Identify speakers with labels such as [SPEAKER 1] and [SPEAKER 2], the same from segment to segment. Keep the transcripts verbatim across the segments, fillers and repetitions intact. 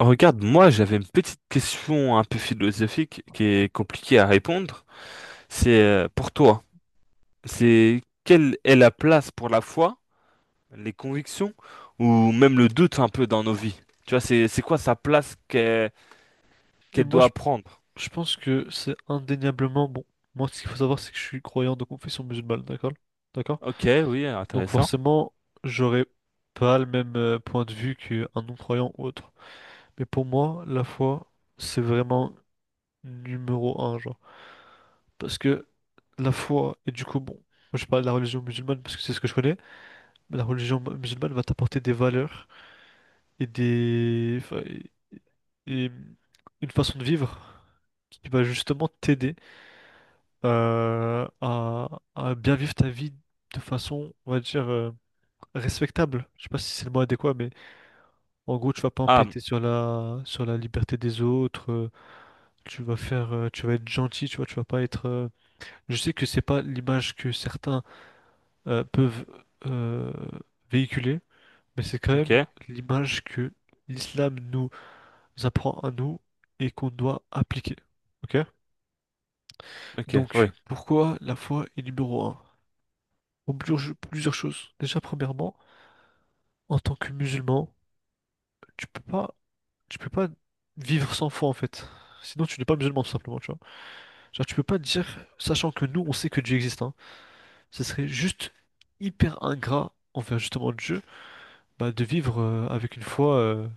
[SPEAKER 1] Regarde, moi j'avais une petite question un peu philosophique qui est compliquée à répondre. C'est euh, pour toi, c'est quelle est la place pour la foi, les convictions ou même le doute un peu dans nos vies? Tu vois, c'est c'est quoi sa place qu'elle
[SPEAKER 2] Et
[SPEAKER 1] qu'elle
[SPEAKER 2] moi, je,
[SPEAKER 1] doit prendre?
[SPEAKER 2] je pense que c'est indéniablement bon. Moi, ce qu'il faut savoir, c'est que je suis croyant de confession musulmane, d'accord? D'accord?
[SPEAKER 1] Ok, oui,
[SPEAKER 2] Donc,
[SPEAKER 1] intéressant.
[SPEAKER 2] forcément, j'aurais pas le même euh, point de vue qu'un non-croyant ou autre. Mais pour moi, la foi, c'est vraiment numéro un, genre. Parce que la foi, et du coup, bon, moi, je parle de la religion musulmane parce que c'est ce que je connais, mais la religion mu- musulmane va t'apporter des valeurs et des. Enfin, et et une façon de vivre qui va justement t'aider. euh, à, à bien vivre ta vie de façon, on va dire, euh, respectable. Je sais pas si c'est le mot adéquat, mais en gros, tu vas pas
[SPEAKER 1] Ah,
[SPEAKER 2] empiéter sur la, sur la liberté des autres. Euh, tu vas faire, euh, tu vas être gentil, tu vois, tu vas pas être. euh, Je sais que c'est pas l'image que certains euh, peuvent euh, véhiculer, mais c'est quand même
[SPEAKER 1] ok,
[SPEAKER 2] l'image que l'islam nous apprend à nous et qu'on doit appliquer. Ok?
[SPEAKER 1] ok,
[SPEAKER 2] Donc,
[SPEAKER 1] oui,
[SPEAKER 2] pourquoi la foi est numéro un? pour plusieurs plusieurs choses. Déjà, premièrement, en tant que musulman, tu peux pas, tu peux pas vivre sans foi en fait. Sinon, tu n'es pas musulman tout simplement, tu vois. Genre, tu peux pas dire, sachant que nous, on sait que Dieu existe, hein, ce serait juste hyper ingrat envers justement Dieu, bah, de vivre euh, avec une foi, euh,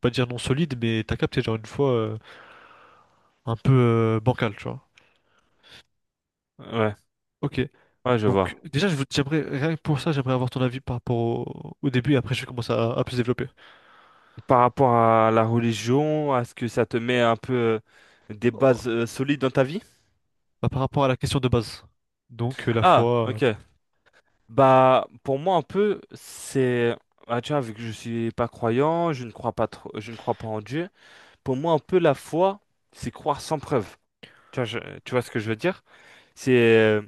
[SPEAKER 2] pas dire non solide, mais t'as capté, genre une foi euh, un peu euh, bancale, tu vois.
[SPEAKER 1] ouais,
[SPEAKER 2] Ok.
[SPEAKER 1] ouais, je
[SPEAKER 2] Donc,
[SPEAKER 1] vois.
[SPEAKER 2] déjà, je vous- j'aimerais, rien que pour ça, j'aimerais avoir ton avis par rapport au, au début et après, je vais commencer à à plus développer.
[SPEAKER 1] Par rapport à la religion, est-ce que ça te met un peu euh, des bases euh, solides dans ta vie?
[SPEAKER 2] Bah, par rapport à la question de base. Donc, euh, la
[SPEAKER 1] Ah,
[SPEAKER 2] foi,
[SPEAKER 1] ok. Bah, pour moi, un peu, c'est... Ah, tu vois, vu que je suis pas croyant, je ne crois pas trop, je ne crois pas en Dieu. Pour moi, un peu, la foi, c'est croire sans preuve. Tu vois, je- tu vois ce que je veux dire? C'est...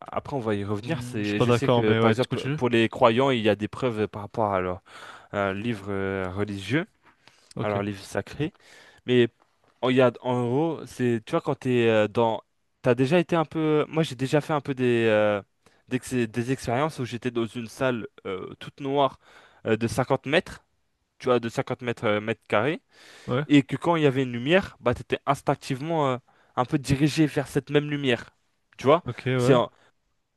[SPEAKER 1] Après, on va y
[SPEAKER 2] euh,
[SPEAKER 1] revenir.
[SPEAKER 2] hmm, je suis
[SPEAKER 1] C'est,
[SPEAKER 2] pas
[SPEAKER 1] je sais
[SPEAKER 2] d'accord,
[SPEAKER 1] que,
[SPEAKER 2] mais
[SPEAKER 1] par
[SPEAKER 2] ouais, tu
[SPEAKER 1] exemple,
[SPEAKER 2] continues?
[SPEAKER 1] pour les croyants, il y a des preuves par rapport à leur, un livre euh, religieux, à
[SPEAKER 2] Ok.
[SPEAKER 1] leur livre sacré. Mais en regarde, en gros, c'est, tu vois, quand t'es euh, dans... T'as déjà été un peu... Moi, j'ai déjà fait un peu des, euh, des, ex- des expériences où j'étais dans une salle euh, toute noire, euh, de cinquante mètres, tu vois, de cinquante mètres, euh, mètres carrés,
[SPEAKER 2] Ouais.
[SPEAKER 1] et que quand il y avait une lumière, bah, t'étais instinctivement euh, un peu dirigé vers cette même lumière. Tu vois?
[SPEAKER 2] Ok,
[SPEAKER 1] C'est
[SPEAKER 2] ouais.
[SPEAKER 1] en-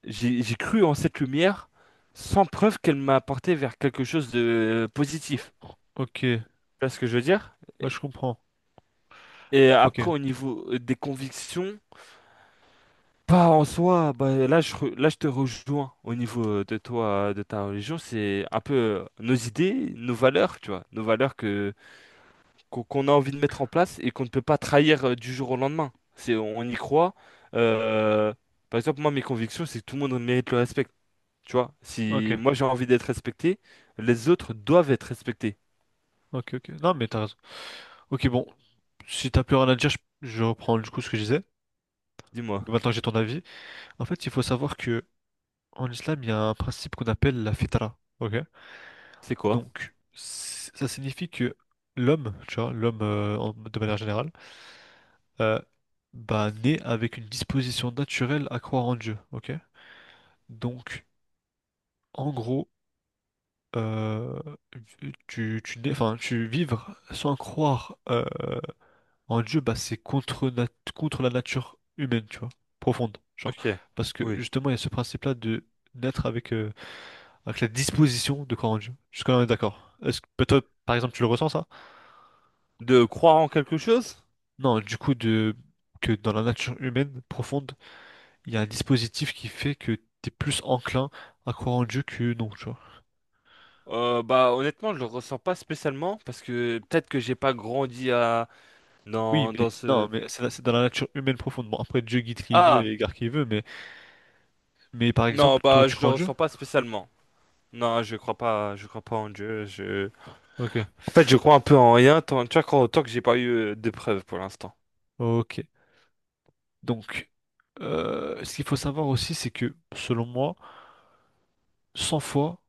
[SPEAKER 1] J'ai, j'ai cru en cette lumière sans preuve qu'elle m'a apporté vers quelque chose de euh, positif.
[SPEAKER 2] Ok. Ouais,
[SPEAKER 1] Tu vois ce que je veux dire? Et
[SPEAKER 2] je comprends.
[SPEAKER 1] et
[SPEAKER 2] Ok.
[SPEAKER 1] après, au niveau euh, des convictions... Pas en soi, bah, là, je, re- là je te rejoins au niveau euh, de toi, euh, de ta religion, c'est un peu euh, nos idées, nos valeurs, tu vois, nos valeurs que qu'on qu'on a envie de mettre en place et qu'on ne peut pas trahir euh, du jour au lendemain. C'est, on y croit. euh, Par exemple, moi, mes convictions, c'est que tout le monde mérite le respect, tu vois.
[SPEAKER 2] Ok.
[SPEAKER 1] Si moi j'ai envie d'être respecté, les autres doivent être respectés.
[SPEAKER 2] Ok, ok. Non, mais t'as raison. Ok, bon. Si t'as plus rien à dire, je, je reprends du coup ce que je disais.
[SPEAKER 1] Dis-moi,
[SPEAKER 2] Maintenant que j'ai ton avis. En fait, il faut savoir que en islam, il y a un principe qu'on appelle la fitra. Ok?
[SPEAKER 1] c'est quoi?
[SPEAKER 2] Donc, c- ça signifie que l'homme, tu vois, l'homme euh, en- de manière générale, euh, bah, naît avec une disposition naturelle à croire en Dieu. Ok? Donc, en gros, euh, tu, tu, n'es- enfin, tu vivre sans croire euh, en Dieu, bah, c'est contre, nat- contre la nature humaine, tu vois, profonde. Genre,
[SPEAKER 1] Ok,
[SPEAKER 2] parce que
[SPEAKER 1] oui.
[SPEAKER 2] justement, il y a ce principe-là de naître avec, euh, avec la disposition de croire en Dieu. Jusqu'à là, on est d'accord. Est-ce que bah, toi, par exemple, tu le ressens, ça?
[SPEAKER 1] De croire en quelque chose?
[SPEAKER 2] Non, du coup, de, que dans la nature humaine profonde, il y a un dispositif qui fait que tu es plus enclin à croire en Dieu que non, tu vois.
[SPEAKER 1] Euh, bah honnêtement je le ressens pas spécialement parce que peut-être que j'ai pas grandi à
[SPEAKER 2] Oui,
[SPEAKER 1] dans
[SPEAKER 2] mais
[SPEAKER 1] dans
[SPEAKER 2] non,
[SPEAKER 1] ce
[SPEAKER 2] mais c'est c'est dans la nature humaine profonde. Bon, après, Dieu guide qui veut
[SPEAKER 1] ah,
[SPEAKER 2] et égarde qui veut, mais, mais par
[SPEAKER 1] non,
[SPEAKER 2] exemple, toi,
[SPEAKER 1] bah
[SPEAKER 2] tu
[SPEAKER 1] je
[SPEAKER 2] crois
[SPEAKER 1] le
[SPEAKER 2] en Dieu?
[SPEAKER 1] ressens pas spécialement non, je crois pas, je crois pas en Dieu, je en
[SPEAKER 2] Ok.
[SPEAKER 1] fait je crois un peu en rien tant tu vois quand- tant que j'ai pas eu euh, de preuves pour l'instant.
[SPEAKER 2] Ok. Donc, euh, ce qu'il faut savoir aussi, c'est que, selon moi, sans foi,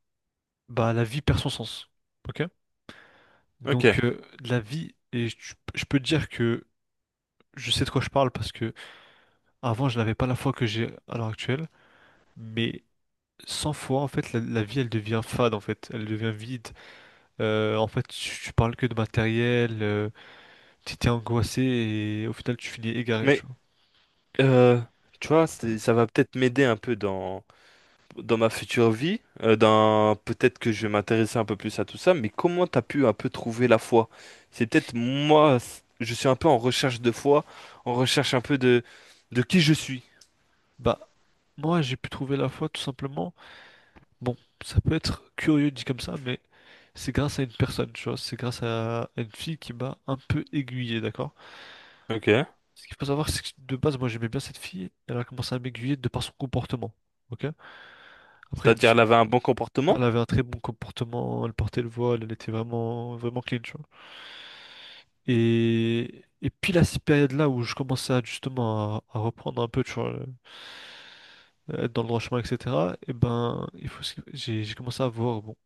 [SPEAKER 2] bah, la vie perd son sens. Ok?
[SPEAKER 1] Ok,
[SPEAKER 2] Donc, euh, la vie, et je, je peux te dire que je sais de quoi je parle parce que avant, je n'avais pas la foi que j'ai à l'heure actuelle, mais sans foi, en fait, la, la vie, elle devient fade, en fait. Elle devient vide. Euh, en fait, tu, tu parles que de matériel. Euh, t'étais angoissé et au final tu finis égaré, tu
[SPEAKER 1] mais
[SPEAKER 2] vois.
[SPEAKER 1] euh, tu vois c'est- ça va peut-être m'aider un peu dans dans ma future vie, euh, dans peut-être que je vais m'intéresser un peu plus à tout ça, mais comment t'as pu un peu trouver la foi? C'est peut-être moi, c- je suis un peu en recherche de foi, en recherche un peu de de qui je suis.
[SPEAKER 2] Bah, moi j'ai pu trouver la foi tout simplement. Bon, ça peut être curieux dit comme ça, mais c'est grâce à une personne, tu vois. C'est grâce à une fille qui m'a un peu aiguillé, d'accord?
[SPEAKER 1] Ok.
[SPEAKER 2] Ce qu'il faut savoir, c'est que de base, moi j'aimais bien cette fille. Elle a commencé à m'aiguiller de par son comportement, ok? Après, je me
[SPEAKER 1] C'est-à-dire, elle
[SPEAKER 2] suis.
[SPEAKER 1] avait un bon
[SPEAKER 2] Elle
[SPEAKER 1] comportement.
[SPEAKER 2] avait un très bon comportement, elle portait le voile, elle était vraiment, vraiment clean, tu vois. Et, et puis, la période là où je commençais à, justement à, à reprendre un peu, tu vois, euh, être dans le droit chemin, et cetera. Et ben, il faut. se- J'ai j'ai commencé à voir bon,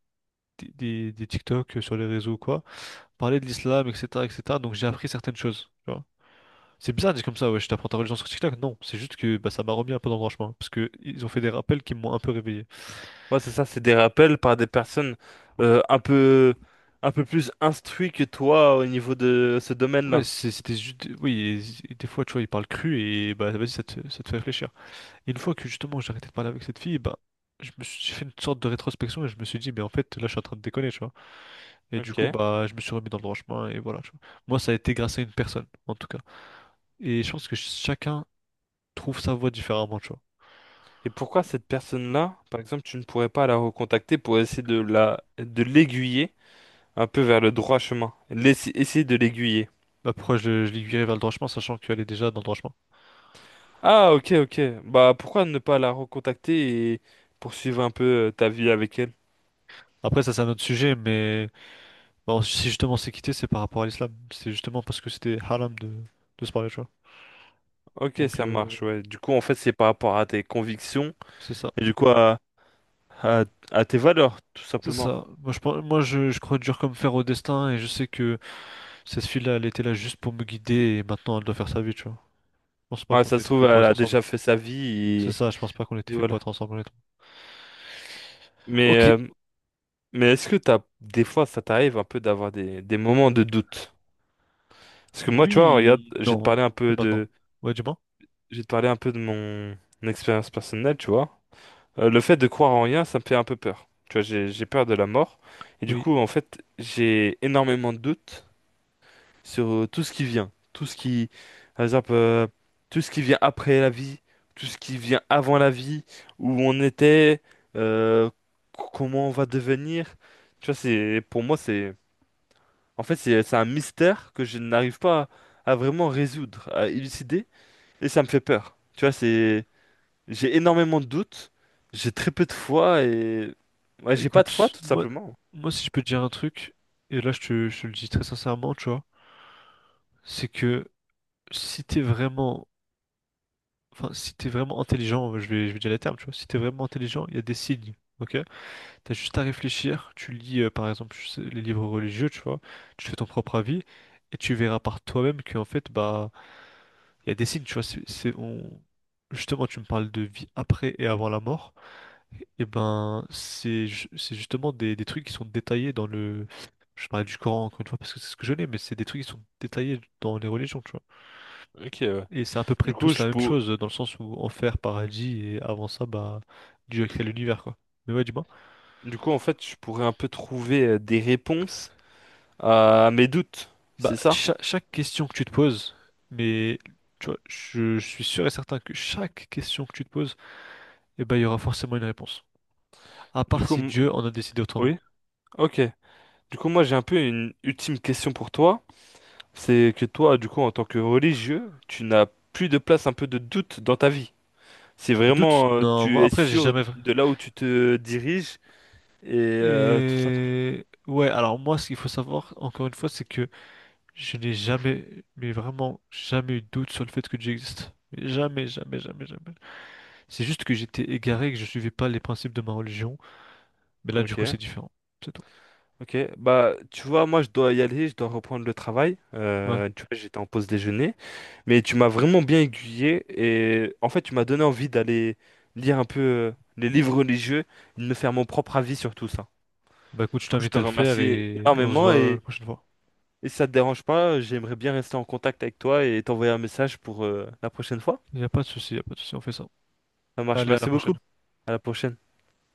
[SPEAKER 2] des, des, des TikTok euh, sur les réseaux ou quoi, parler de l'islam, et cetera, et cetera. Donc j'ai appris certaines choses. tu vois. C'est bizarre de dire comme ça, ouais, je t'apprends ta religion sur TikTok. Non, c'est juste que bah, ça m'a remis un peu dans le droit chemin, parce que ils ont fait des rappels qui m'ont un peu réveillé.
[SPEAKER 1] Ouais, c'est ça, c'est des rappels par des personnes, euh, un peu un peu plus instruites que toi au niveau de ce
[SPEAKER 2] Ouais,
[SPEAKER 1] domaine-là.
[SPEAKER 2] c'est- c'était juste, oui, et- et des fois, tu vois, ils parlent cru et bah vas-y, ça te, ça te fait réfléchir. Et une fois que justement j'ai arrêté de parler avec cette fille, bah, je me suis j'ai fait une sorte de rétrospection et je me suis dit, mais en fait, là, je suis en train de déconner, tu vois. Et du
[SPEAKER 1] Ok.
[SPEAKER 2] coup,
[SPEAKER 1] Et
[SPEAKER 2] bah, je me suis remis dans le droit chemin et voilà. tu vois. Moi, ça a été grâce à une personne, en tout cas. Et je pense que ch- chacun trouve sa voie différemment, tu vois.
[SPEAKER 1] pourquoi cette personne-là, par exemple, tu ne pourrais pas la recontacter pour essayer de la de l'aiguiller? Un peu vers le droit chemin. Laisse- essayez de l'aiguiller.
[SPEAKER 2] Bah, pourquoi je, je l'aiguillais vers le droit chemin, sachant qu'elle est déjà dans le droit chemin.
[SPEAKER 1] Ah, ok, ok. Bah, pourquoi ne pas la recontacter et poursuivre un peu euh, ta vie avec elle?
[SPEAKER 2] Après, ça, c'est un autre sujet, mais bah, on- si justement c'est quitté, c'est par rapport à l'islam. C'est justement parce que c'était haram de, de se parler, tu vois.
[SPEAKER 1] Ok,
[SPEAKER 2] Donc,
[SPEAKER 1] ça
[SPEAKER 2] euh,
[SPEAKER 1] marche, ouais. Du coup, en fait, c'est par rapport à tes convictions
[SPEAKER 2] c'est ça.
[SPEAKER 1] et du coup à, à, à tes valeurs, tout
[SPEAKER 2] C'est
[SPEAKER 1] simplement.
[SPEAKER 2] ça. Moi, je, pense- moi je, je crois dur comme fer au destin et je sais que cette fille-là, elle était là juste pour me guider et maintenant elle doit faire sa vie, tu vois. Je pense pas
[SPEAKER 1] Ouais,
[SPEAKER 2] qu'on
[SPEAKER 1] ça se
[SPEAKER 2] était fait
[SPEAKER 1] trouve,
[SPEAKER 2] pour
[SPEAKER 1] elle
[SPEAKER 2] être
[SPEAKER 1] a
[SPEAKER 2] ensemble.
[SPEAKER 1] déjà fait sa vie et,
[SPEAKER 2] C'est ça, je pense pas qu'on était
[SPEAKER 1] et
[SPEAKER 2] fait pour
[SPEAKER 1] voilà.
[SPEAKER 2] être ensemble, honnêtement.
[SPEAKER 1] Mais,
[SPEAKER 2] Ok,
[SPEAKER 1] euh, mais est-ce que t'as, des fois, ça t'arrive un peu d'avoir des, des moments de doute? Parce que moi, tu vois, regarde,
[SPEAKER 2] Oui,
[SPEAKER 1] j'ai te
[SPEAKER 2] non,
[SPEAKER 1] parlé un
[SPEAKER 2] plus
[SPEAKER 1] peu
[SPEAKER 2] maintenant.
[SPEAKER 1] de,
[SPEAKER 2] Ouais, du moins.
[SPEAKER 1] j'ai te parlé un peu de mon expérience personnelle, tu vois. Euh, le fait de croire en rien, ça me fait un peu peur. Tu vois, j'ai j'ai peur de la mort. Et du
[SPEAKER 2] Oui.
[SPEAKER 1] coup, en fait, j'ai énormément de doutes sur euh, tout ce qui vient. Tout ce qui, par exemple, euh, tout ce qui vient après la vie, tout ce qui vient avant la vie, où on était, euh, c- comment on va devenir. Tu vois, c'est, pour moi, c'est, en fait, c'est c'est un mystère que je n'arrive pas à, à vraiment résoudre, à élucider. Et ça me fait peur. Tu vois, c'est j'ai énormément de doutes, j'ai très peu de foi et ouais, j'ai pas de foi
[SPEAKER 2] Écoute,
[SPEAKER 1] tout
[SPEAKER 2] moi,
[SPEAKER 1] simplement.
[SPEAKER 2] moi, si je peux te dire un truc, et là, je te, je te le dis très sincèrement, tu vois, c'est que si t'es vraiment, enfin, si t'es vraiment intelligent, je vais, je vais dire les termes, tu vois, si t'es vraiment intelligent, il y a des signes, ok? T'as juste à réfléchir, tu lis, euh, par exemple, je sais, les livres religieux, tu vois, tu fais ton propre avis, et tu verras par toi-même qu'en fait, bah, il y a des signes, tu vois, c'est, c'est- on... Justement, tu me parles de vie après et avant la mort. et ben, c'est ju- c'est justement des, des trucs qui sont détaillés dans le. Je parlais du Coran encore une fois parce que c'est ce que je l'ai, mais c'est des trucs qui sont détaillés dans les religions, tu vois.
[SPEAKER 1] Ok, ouais.
[SPEAKER 2] Et c'est à peu près
[SPEAKER 1] Du coup,
[SPEAKER 2] tous
[SPEAKER 1] je
[SPEAKER 2] la même
[SPEAKER 1] pour...
[SPEAKER 2] chose dans le sens où enfer, paradis, et avant ça, bah, Dieu a créé l'univers, quoi. Mais ouais, dis-moi.
[SPEAKER 1] du coup, en fait, je pourrais un peu trouver euh, des réponses à mes doutes,
[SPEAKER 2] Bah,
[SPEAKER 1] c'est ça?
[SPEAKER 2] cha- chaque question que tu te poses, mais tu vois, je, je suis sûr et certain que chaque question que tu te poses, eh ben, il y aura forcément une réponse. À
[SPEAKER 1] Du
[SPEAKER 2] part
[SPEAKER 1] coup,
[SPEAKER 2] si
[SPEAKER 1] m-
[SPEAKER 2] Dieu en a décidé autrement.
[SPEAKER 1] oui, ok. Du coup, moi, j'ai un peu une ultime question pour toi. C'est que toi, du coup, en tant que religieux, tu n'as plus de place un peu de doute dans ta vie. C'est
[SPEAKER 2] Le doute,
[SPEAKER 1] vraiment, euh,
[SPEAKER 2] non, moi,
[SPEAKER 1] tu es
[SPEAKER 2] après, j'ai
[SPEAKER 1] sûr
[SPEAKER 2] jamais.
[SPEAKER 1] de là où tu te diriges et euh, tout simple.
[SPEAKER 2] Et ouais, alors moi, ce qu'il faut savoir, encore une fois, c'est que je n'ai jamais, mais vraiment jamais eu de doute sur le fait que Dieu existe. Mais Jamais, jamais, jamais, jamais. C'est juste que j'étais égaré, et que je suivais pas les principes de ma religion. Mais là, du coup,
[SPEAKER 1] Ok.
[SPEAKER 2] c'est différent. C'est tout.
[SPEAKER 1] Ok, bah tu vois, moi je dois y aller, je dois reprendre le travail.
[SPEAKER 2] Ouais.
[SPEAKER 1] Euh, tu vois, j'étais en pause déjeuner, mais tu m'as vraiment bien aiguillé et en fait tu m'as donné envie d'aller lire un peu euh, les livres religieux, et de me faire mon propre avis sur tout ça.
[SPEAKER 2] Bah écoute, je
[SPEAKER 1] Du coup, je
[SPEAKER 2] t'invite
[SPEAKER 1] te
[SPEAKER 2] à le faire
[SPEAKER 1] remercie
[SPEAKER 2] et on se
[SPEAKER 1] énormément
[SPEAKER 2] voit la
[SPEAKER 1] et,
[SPEAKER 2] prochaine fois.
[SPEAKER 1] et si ça te dérange pas, j'aimerais bien rester en contact avec toi et t'envoyer un message pour euh, la prochaine fois.
[SPEAKER 2] Il n'y a pas de souci, il n'y a pas de souci, on fait ça.
[SPEAKER 1] Ça marche,
[SPEAKER 2] Allez, à la
[SPEAKER 1] merci
[SPEAKER 2] prochaine.
[SPEAKER 1] beaucoup. À la prochaine.